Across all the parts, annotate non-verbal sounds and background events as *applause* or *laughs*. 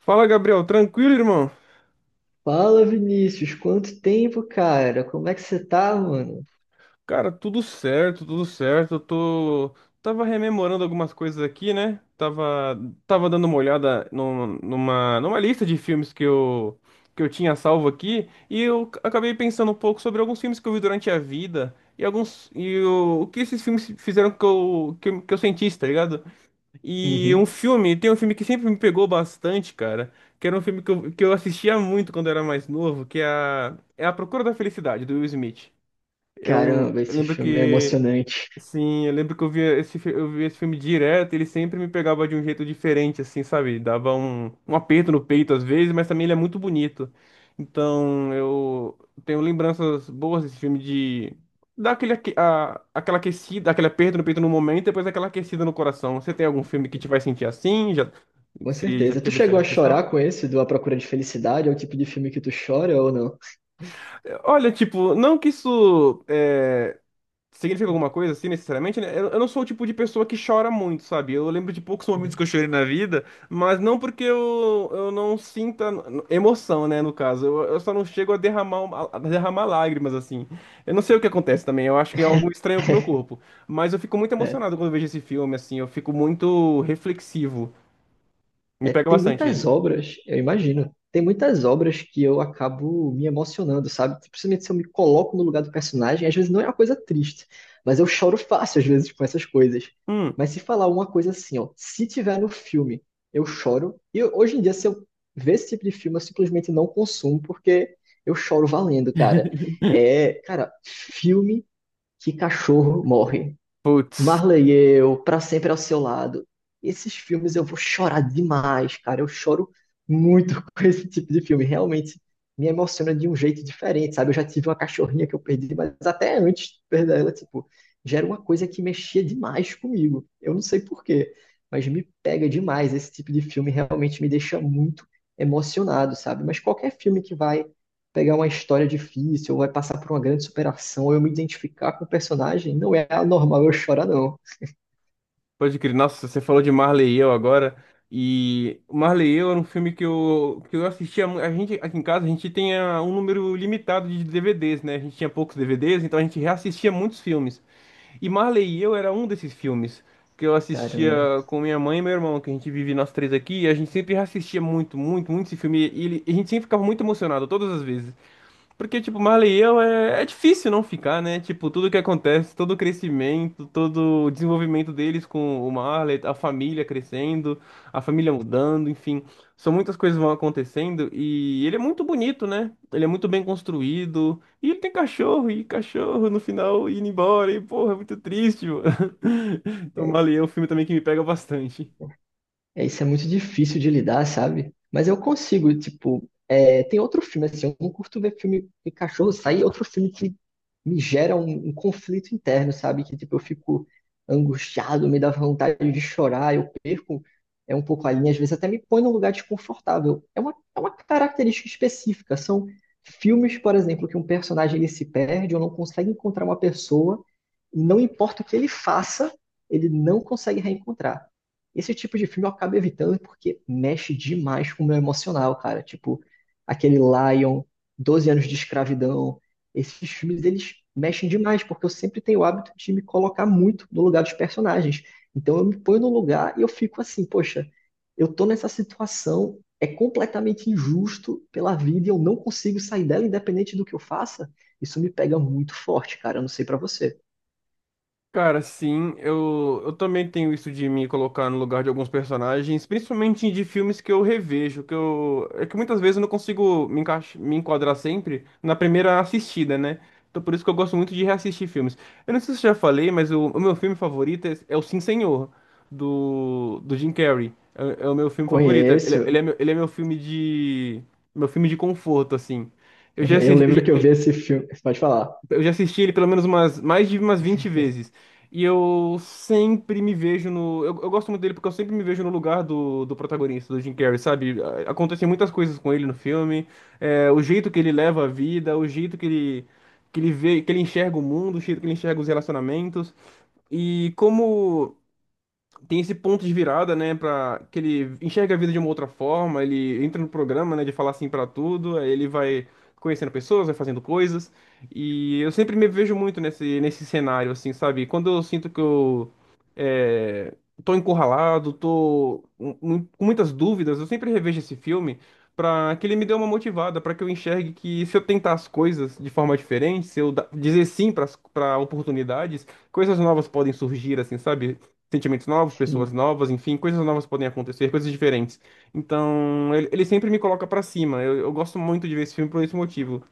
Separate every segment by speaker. Speaker 1: Fala, Gabriel. Tranquilo, irmão?
Speaker 2: Fala, Vinícius, quanto tempo, cara? Como é que você tá, mano?
Speaker 1: Cara, tudo certo, tudo certo. Tava rememorando algumas coisas aqui, né? Tava dando uma olhada numa lista de filmes que eu tinha salvo aqui e acabei pensando um pouco sobre alguns filmes que eu vi durante a vida e alguns e o que esses filmes fizeram que eu sentisse, tá ligado?
Speaker 2: Uhum.
Speaker 1: Tem um filme que sempre me pegou bastante, cara, que era um filme que eu assistia muito quando eu era mais novo, que é é A Procura da Felicidade, do Will Smith.
Speaker 2: Caramba,
Speaker 1: Eu
Speaker 2: esse
Speaker 1: lembro
Speaker 2: filme é
Speaker 1: que
Speaker 2: emocionante,
Speaker 1: sim, eu lembro que eu via eu via esse filme direto, ele sempre me pegava de um jeito diferente, assim, sabe? Dava um aperto no peito às vezes, mas também ele é muito bonito. Então, eu tenho lembranças boas desse filme de dar aquela aquecida, aquele aperto no peito no momento, e depois aquela aquecida no coração. Você tem algum filme que te vai sentir assim? Já,
Speaker 2: com
Speaker 1: se já
Speaker 2: certeza. Tu
Speaker 1: teve
Speaker 2: chegou
Speaker 1: essa
Speaker 2: a chorar
Speaker 1: questão?
Speaker 2: com esse do A Procura de Felicidade? É o tipo de filme que tu chora ou não?
Speaker 1: Olha, tipo, não que significa alguma coisa assim, necessariamente, né? Eu não sou o tipo de pessoa que chora muito, sabe? Eu lembro de poucos momentos
Speaker 2: Uhum.
Speaker 1: que eu chorei na vida, mas não porque eu não sinta emoção, né? No caso, eu só não chego a derramar lágrimas, assim. Eu não sei o que acontece também, eu acho que é algo estranho com o meu corpo. Mas eu fico muito
Speaker 2: É.
Speaker 1: emocionado quando eu vejo esse filme, assim, eu fico muito reflexivo. Me
Speaker 2: É,
Speaker 1: pega
Speaker 2: tem
Speaker 1: bastante
Speaker 2: muitas
Speaker 1: ele.
Speaker 2: obras, eu imagino, tem muitas obras que eu acabo me emocionando, sabe? Principalmente se eu me coloco no lugar do personagem, às vezes não é uma coisa triste, mas eu choro fácil às vezes com essas coisas.
Speaker 1: Hum,
Speaker 2: Mas se falar uma coisa assim, ó, se tiver no filme, eu choro. Hoje em dia, se eu ver esse tipo de filme, eu simplesmente não consumo, porque eu choro valendo, cara.
Speaker 1: *laughs*
Speaker 2: É, cara, filme que cachorro morre.
Speaker 1: Putz.
Speaker 2: Marley e eu, Pra Sempre ao Seu Lado. Esses filmes eu vou chorar demais, cara. Eu choro muito *laughs* com esse tipo de filme. Realmente me emociona de um jeito diferente, sabe? Eu já tive uma cachorrinha que eu perdi, mas até antes de perder ela, tipo, já era uma coisa que mexia demais comigo. Eu não sei por quê, mas me pega demais. Esse tipo de filme realmente me deixa muito emocionado, sabe? Mas qualquer filme que vai pegar uma história difícil, ou vai passar por uma grande superação, ou eu me identificar com o personagem, não é anormal eu chorar, não.
Speaker 1: Pode crer. Nossa, você falou de Marley e Eu agora. E o Marley e Eu era um filme que eu assistia. A gente, aqui em casa, a gente tem um número limitado de DVDs, né? A gente tinha poucos DVDs, então a gente reassistia muitos filmes. E Marley e Eu era um desses filmes que eu assistia
Speaker 2: Caramba.
Speaker 1: com minha mãe e meu irmão, que a gente vive nós três aqui. E a gente sempre reassistia muito, muito, muito esse filme. E a gente sempre ficava muito emocionado, todas as vezes. Porque, tipo, Marley e eu é difícil não ficar, né? Tipo, tudo que acontece, todo o crescimento, todo o desenvolvimento deles com o Marley, a família crescendo, a família mudando, enfim. São muitas coisas que vão acontecendo e ele é muito bonito, né? Ele é muito bem construído. E ele tem cachorro, e cachorro no final indo embora, e porra, é muito triste, mano. *laughs* Então,
Speaker 2: É.
Speaker 1: Marley e eu é um filme também que me pega bastante.
Speaker 2: É, isso é muito difícil de lidar, sabe? Mas eu consigo, tipo, é, tem outro filme, assim, eu não curto ver filme de cachorro sair, outro filme que me gera um conflito interno, sabe? Que, tipo, eu fico angustiado, me dá vontade de chorar, eu perco um pouco a linha, às vezes até me põe num lugar desconfortável. É uma característica específica, são filmes, por exemplo, que um personagem ele se perde ou não consegue encontrar uma pessoa, e não importa o que ele faça, ele não consegue reencontrar. Esse tipo de filme eu acabo evitando porque mexe demais com o meu emocional, cara. Tipo, aquele Lion, Doze Anos de Escravidão. Esses filmes, eles mexem demais, porque eu sempre tenho o hábito de me colocar muito no lugar dos personagens. Então eu me ponho no lugar e eu fico assim, poxa, eu tô nessa situação, é completamente injusto pela vida e eu não consigo sair dela independente do que eu faça. Isso me pega muito forte, cara. Eu não sei pra você.
Speaker 1: Cara, sim, eu também tenho isso de me colocar no lugar de alguns personagens, principalmente de filmes que eu revejo, que muitas vezes eu não consigo me enquadrar sempre na primeira assistida, né? Então por isso que eu gosto muito de reassistir filmes. Eu não sei se eu já falei, mas o meu filme favorito é o Sim Senhor, do Jim Carrey. É o meu filme favorito.
Speaker 2: Conheço.
Speaker 1: Ele é meu filme meu filme de conforto, assim.
Speaker 2: *laughs*
Speaker 1: Eu já
Speaker 2: Eu
Speaker 1: assisti,
Speaker 2: lembro que eu vi esse filme. Você pode falar.
Speaker 1: eu já assisti ele pelo menos umas, mais de umas 20 vezes. E eu sempre me vejo no. Eu gosto muito dele porque eu sempre me vejo no lugar do protagonista, do Jim Carrey, sabe? A- Acontecem muitas coisas com ele no filme. É, o jeito que ele leva a vida, o jeito que ele vê, que ele enxerga o mundo, o jeito que ele enxerga os relacionamentos. E como tem esse ponto de virada, né, para que ele enxerga a vida de uma outra forma, ele entra no programa, né, de falar assim pra tudo, aí ele vai conhecendo pessoas, vai fazendo coisas, e eu sempre me vejo muito nesse cenário assim, sabe? Quando eu sinto que é, tô encurralado, com muitas dúvidas, eu sempre revejo esse filme pra que ele me dê uma motivada, pra que eu enxergue que se eu tentar as coisas de forma diferente, se eu dizer sim para oportunidades, coisas novas podem surgir, assim, sabe? Sentimentos novos, pessoas novas, enfim, coisas novas podem acontecer, coisas diferentes. Então, ele sempre me coloca pra cima. Eu gosto muito de ver esse filme por esse motivo.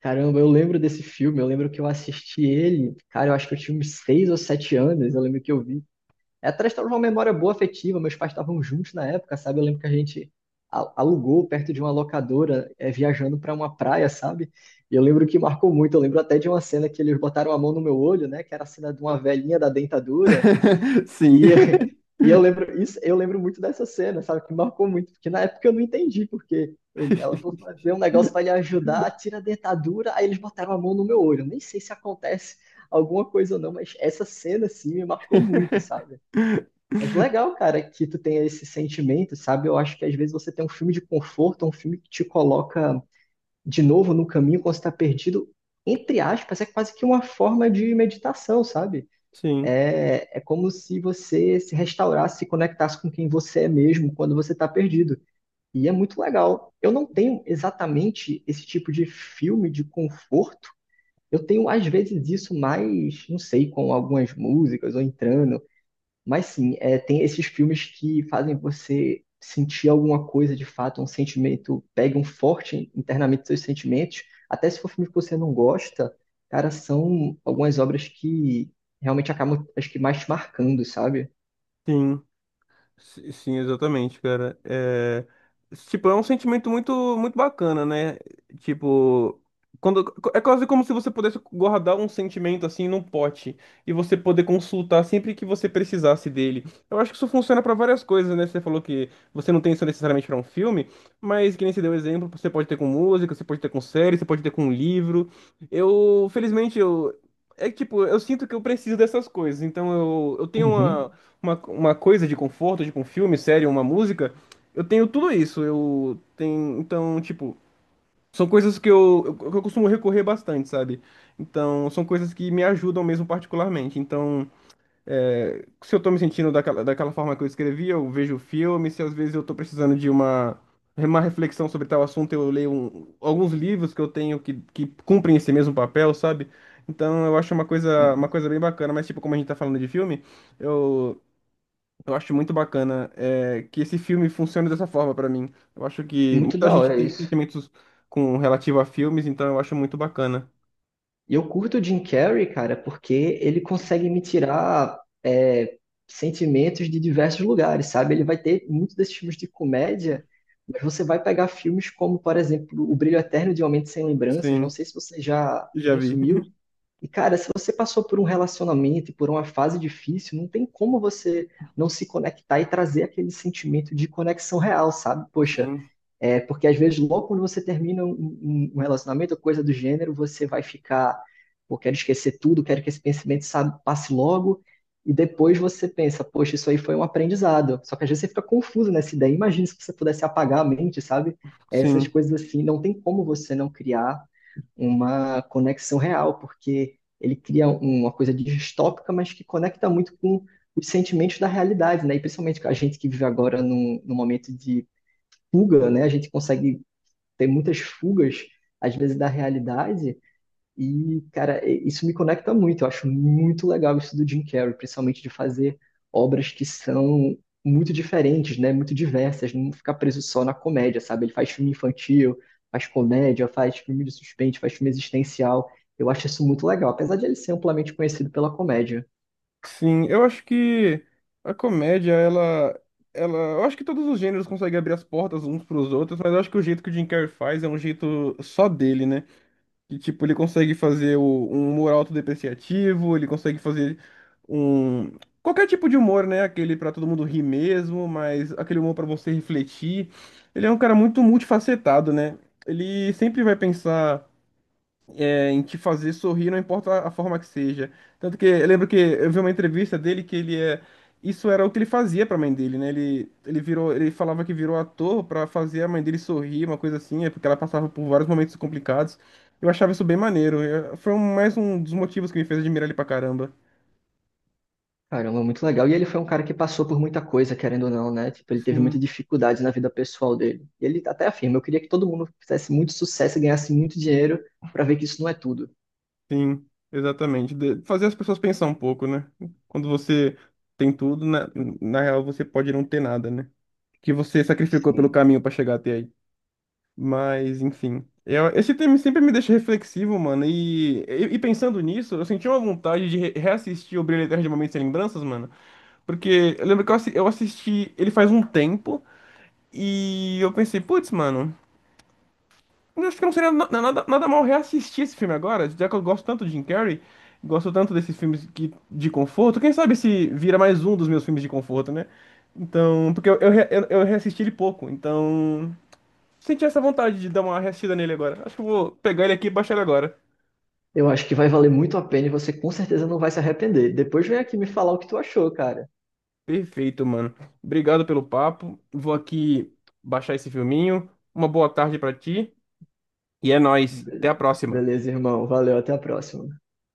Speaker 2: Caramba, eu lembro desse filme, eu lembro que eu assisti ele, cara, eu acho que eu tinha uns 6 ou 7 anos, eu lembro que eu vi. É, atrás estava uma memória boa afetiva, meus pais estavam juntos na época, sabe? Eu lembro que a gente alugou perto de uma locadora, é, viajando para uma praia, sabe? E eu lembro que marcou muito, eu lembro até de uma cena que eles botaram a mão no meu olho, né? Que era a cena de uma velhinha da dentadura,
Speaker 1: *laughs* Sim.
Speaker 2: e, *laughs* e eu
Speaker 1: *laughs*
Speaker 2: lembro isso, eu lembro muito dessa cena, sabe? Que marcou muito, porque na época eu não entendi, porque ela foi fazer um negócio para lhe ajudar, tira a dentadura, aí eles botaram a mão no meu olho. Eu nem sei se acontece alguma coisa ou não, mas essa cena assim me marcou muito, sabe? Mas legal, cara, que tu tenha esse sentimento, sabe? Eu acho que às vezes você tem um filme de conforto, um filme que te coloca de novo no caminho quando você tá perdido, entre aspas, é quase que uma forma de meditação, sabe?
Speaker 1: Sim,
Speaker 2: É, é como se você se restaurasse, se conectasse com quem você é mesmo quando você está perdido. E é muito legal. Eu não tenho exatamente esse tipo de filme de conforto. Eu tenho, às vezes, isso mais, não sei, com algumas músicas ou entrando, mas sim, é, tem esses filmes que fazem você sentir alguma coisa de fato, um sentimento, pega um forte internamente seus sentimentos, até se for filme que você não gosta, cara, são algumas obras que realmente acabam, acho que mais te marcando, sabe?
Speaker 1: sim. Sim, exatamente, cara. É, tipo, é um sentimento muito, muito bacana, né? Tipo, quando é quase como se você pudesse guardar um sentimento assim num pote e você poder consultar sempre que você precisasse dele. Eu acho que isso funciona para várias coisas, né? Você falou que você não tem isso necessariamente para um filme, mas que nem você deu exemplo, você pode ter com música, você pode ter com série, você pode ter com livro. Eu, felizmente, eu É que, tipo, eu sinto que eu preciso dessas coisas, então eu tenho
Speaker 2: Uhum.
Speaker 1: uma coisa de conforto, tipo um filme, série, uma música, eu tenho tudo isso. Eu tenho, então, tipo, são coisas que que eu costumo recorrer bastante, sabe? Então, são coisas que me ajudam mesmo particularmente. Então, é, se eu tô me sentindo daquela forma que eu escrevi, eu vejo filme, se às vezes eu tô precisando de uma reflexão sobre tal assunto, eu leio alguns livros que eu tenho que cumprem esse mesmo papel, sabe? Então eu acho uma
Speaker 2: É,
Speaker 1: coisa bem bacana, mas tipo, como a gente tá falando de filme, eu, eu acho muito bacana é, que esse filme funcione dessa forma pra mim. Eu acho que
Speaker 2: muito
Speaker 1: muita
Speaker 2: da
Speaker 1: gente
Speaker 2: hora
Speaker 1: tem
Speaker 2: isso.
Speaker 1: sentimentos com relativo a filmes, então eu acho muito bacana.
Speaker 2: E eu curto o Jim Carrey, cara, porque ele consegue me tirar é, sentimentos de diversos lugares, sabe? Ele vai ter muitos desses filmes de comédia, mas você vai pegar filmes como, por exemplo, O Brilho Eterno de Uma Mente Sem Lembranças, não
Speaker 1: Sim,
Speaker 2: sei se você já
Speaker 1: já vi.
Speaker 2: consumiu.
Speaker 1: *laughs*
Speaker 2: E, cara, se você passou por um relacionamento e por uma fase difícil, não tem como você não se conectar e trazer aquele sentimento de conexão real, sabe? Poxa,
Speaker 1: Sim,
Speaker 2: é, porque às vezes, logo quando você termina um relacionamento ou coisa do gênero, você vai ficar, pô, quero esquecer tudo, quero que esse pensamento, sabe, passe logo, e depois você pensa, poxa, isso aí foi um aprendizado. Só que às vezes você fica confuso nessa ideia. Imagina se você pudesse apagar a mente, sabe? Essas
Speaker 1: sim,
Speaker 2: coisas assim, não tem como você não criar uma conexão real, porque ele cria uma coisa distópica, mas que conecta muito com os sentimentos da realidade, né? E principalmente com a gente que vive agora num momento de fuga, né? A gente consegue ter muitas fugas, às vezes, da realidade. E, cara, isso me conecta muito. Eu acho muito legal isso do Jim Carrey, principalmente de fazer obras que são muito diferentes, né? Muito diversas, não ficar preso só na comédia, sabe? Ele faz filme infantil, faz comédia, faz filme de suspense, faz filme existencial. Eu acho isso muito legal, apesar de ele ser amplamente conhecido pela comédia.
Speaker 1: sim. Eu acho que a comédia, eu acho que todos os gêneros conseguem abrir as portas uns pros outros, mas eu acho que o jeito que o Jim Carrey faz é um jeito só dele, né? Que, tipo, ele consegue um humor autodepreciativo, ele consegue fazer um... qualquer tipo de humor, né? Aquele pra todo mundo rir mesmo, mas aquele humor pra você refletir. Ele é um cara muito multifacetado, né? Ele sempre vai pensar... É, em te fazer sorrir, não importa a forma que seja. Tanto que eu lembro que eu vi uma entrevista dele que ele é. Isso era o que ele fazia pra mãe dele, né? Ele falava que virou ator pra fazer a mãe dele sorrir, uma coisa assim, é porque ela passava por vários momentos complicados. Eu achava isso bem maneiro. Mais um dos motivos que me fez admirar ele pra caramba.
Speaker 2: Caramba, muito legal. E ele foi um cara que passou por muita coisa, querendo ou não, né? Tipo, ele teve muita
Speaker 1: Sim,
Speaker 2: dificuldade na vida pessoal dele. E ele até afirma, eu queria que todo mundo fizesse muito sucesso e ganhasse muito dinheiro para ver que isso não é tudo.
Speaker 1: sim, Exatamente. Fazer as pessoas pensar um pouco, né? Quando você tem tudo, na real você pode não ter nada, né? Que você sacrificou pelo
Speaker 2: Sim.
Speaker 1: caminho pra chegar até aí. Mas, enfim. Eu, esse tema sempre me deixa reflexivo, mano. E, pensando nisso, eu senti uma vontade de reassistir o Brilho Eterno de Momentos Sem Lembranças, mano. Porque eu lembro que eu assisti ele faz um tempo e eu pensei, putz, mano, eu acho que não seria nada mal reassistir esse filme agora, já que eu gosto tanto de Jim Carrey, gosto tanto desses filmes de conforto. Quem sabe se vira mais um dos meus filmes de conforto, né? Então, porque eu, re- eu reassisti ele pouco, então. Senti essa vontade de dar uma restida nele agora. Acho que eu vou pegar ele aqui e baixar ele agora.
Speaker 2: Eu acho que vai valer muito a pena e você com certeza não vai se arrepender. Depois vem aqui me falar o que tu achou, cara.
Speaker 1: Perfeito, mano. Obrigado pelo papo. Vou aqui baixar esse filminho. Uma boa tarde pra ti. E é nóis. Até
Speaker 2: Be-
Speaker 1: a próxima.
Speaker 2: Beleza, irmão. Valeu, até a próxima.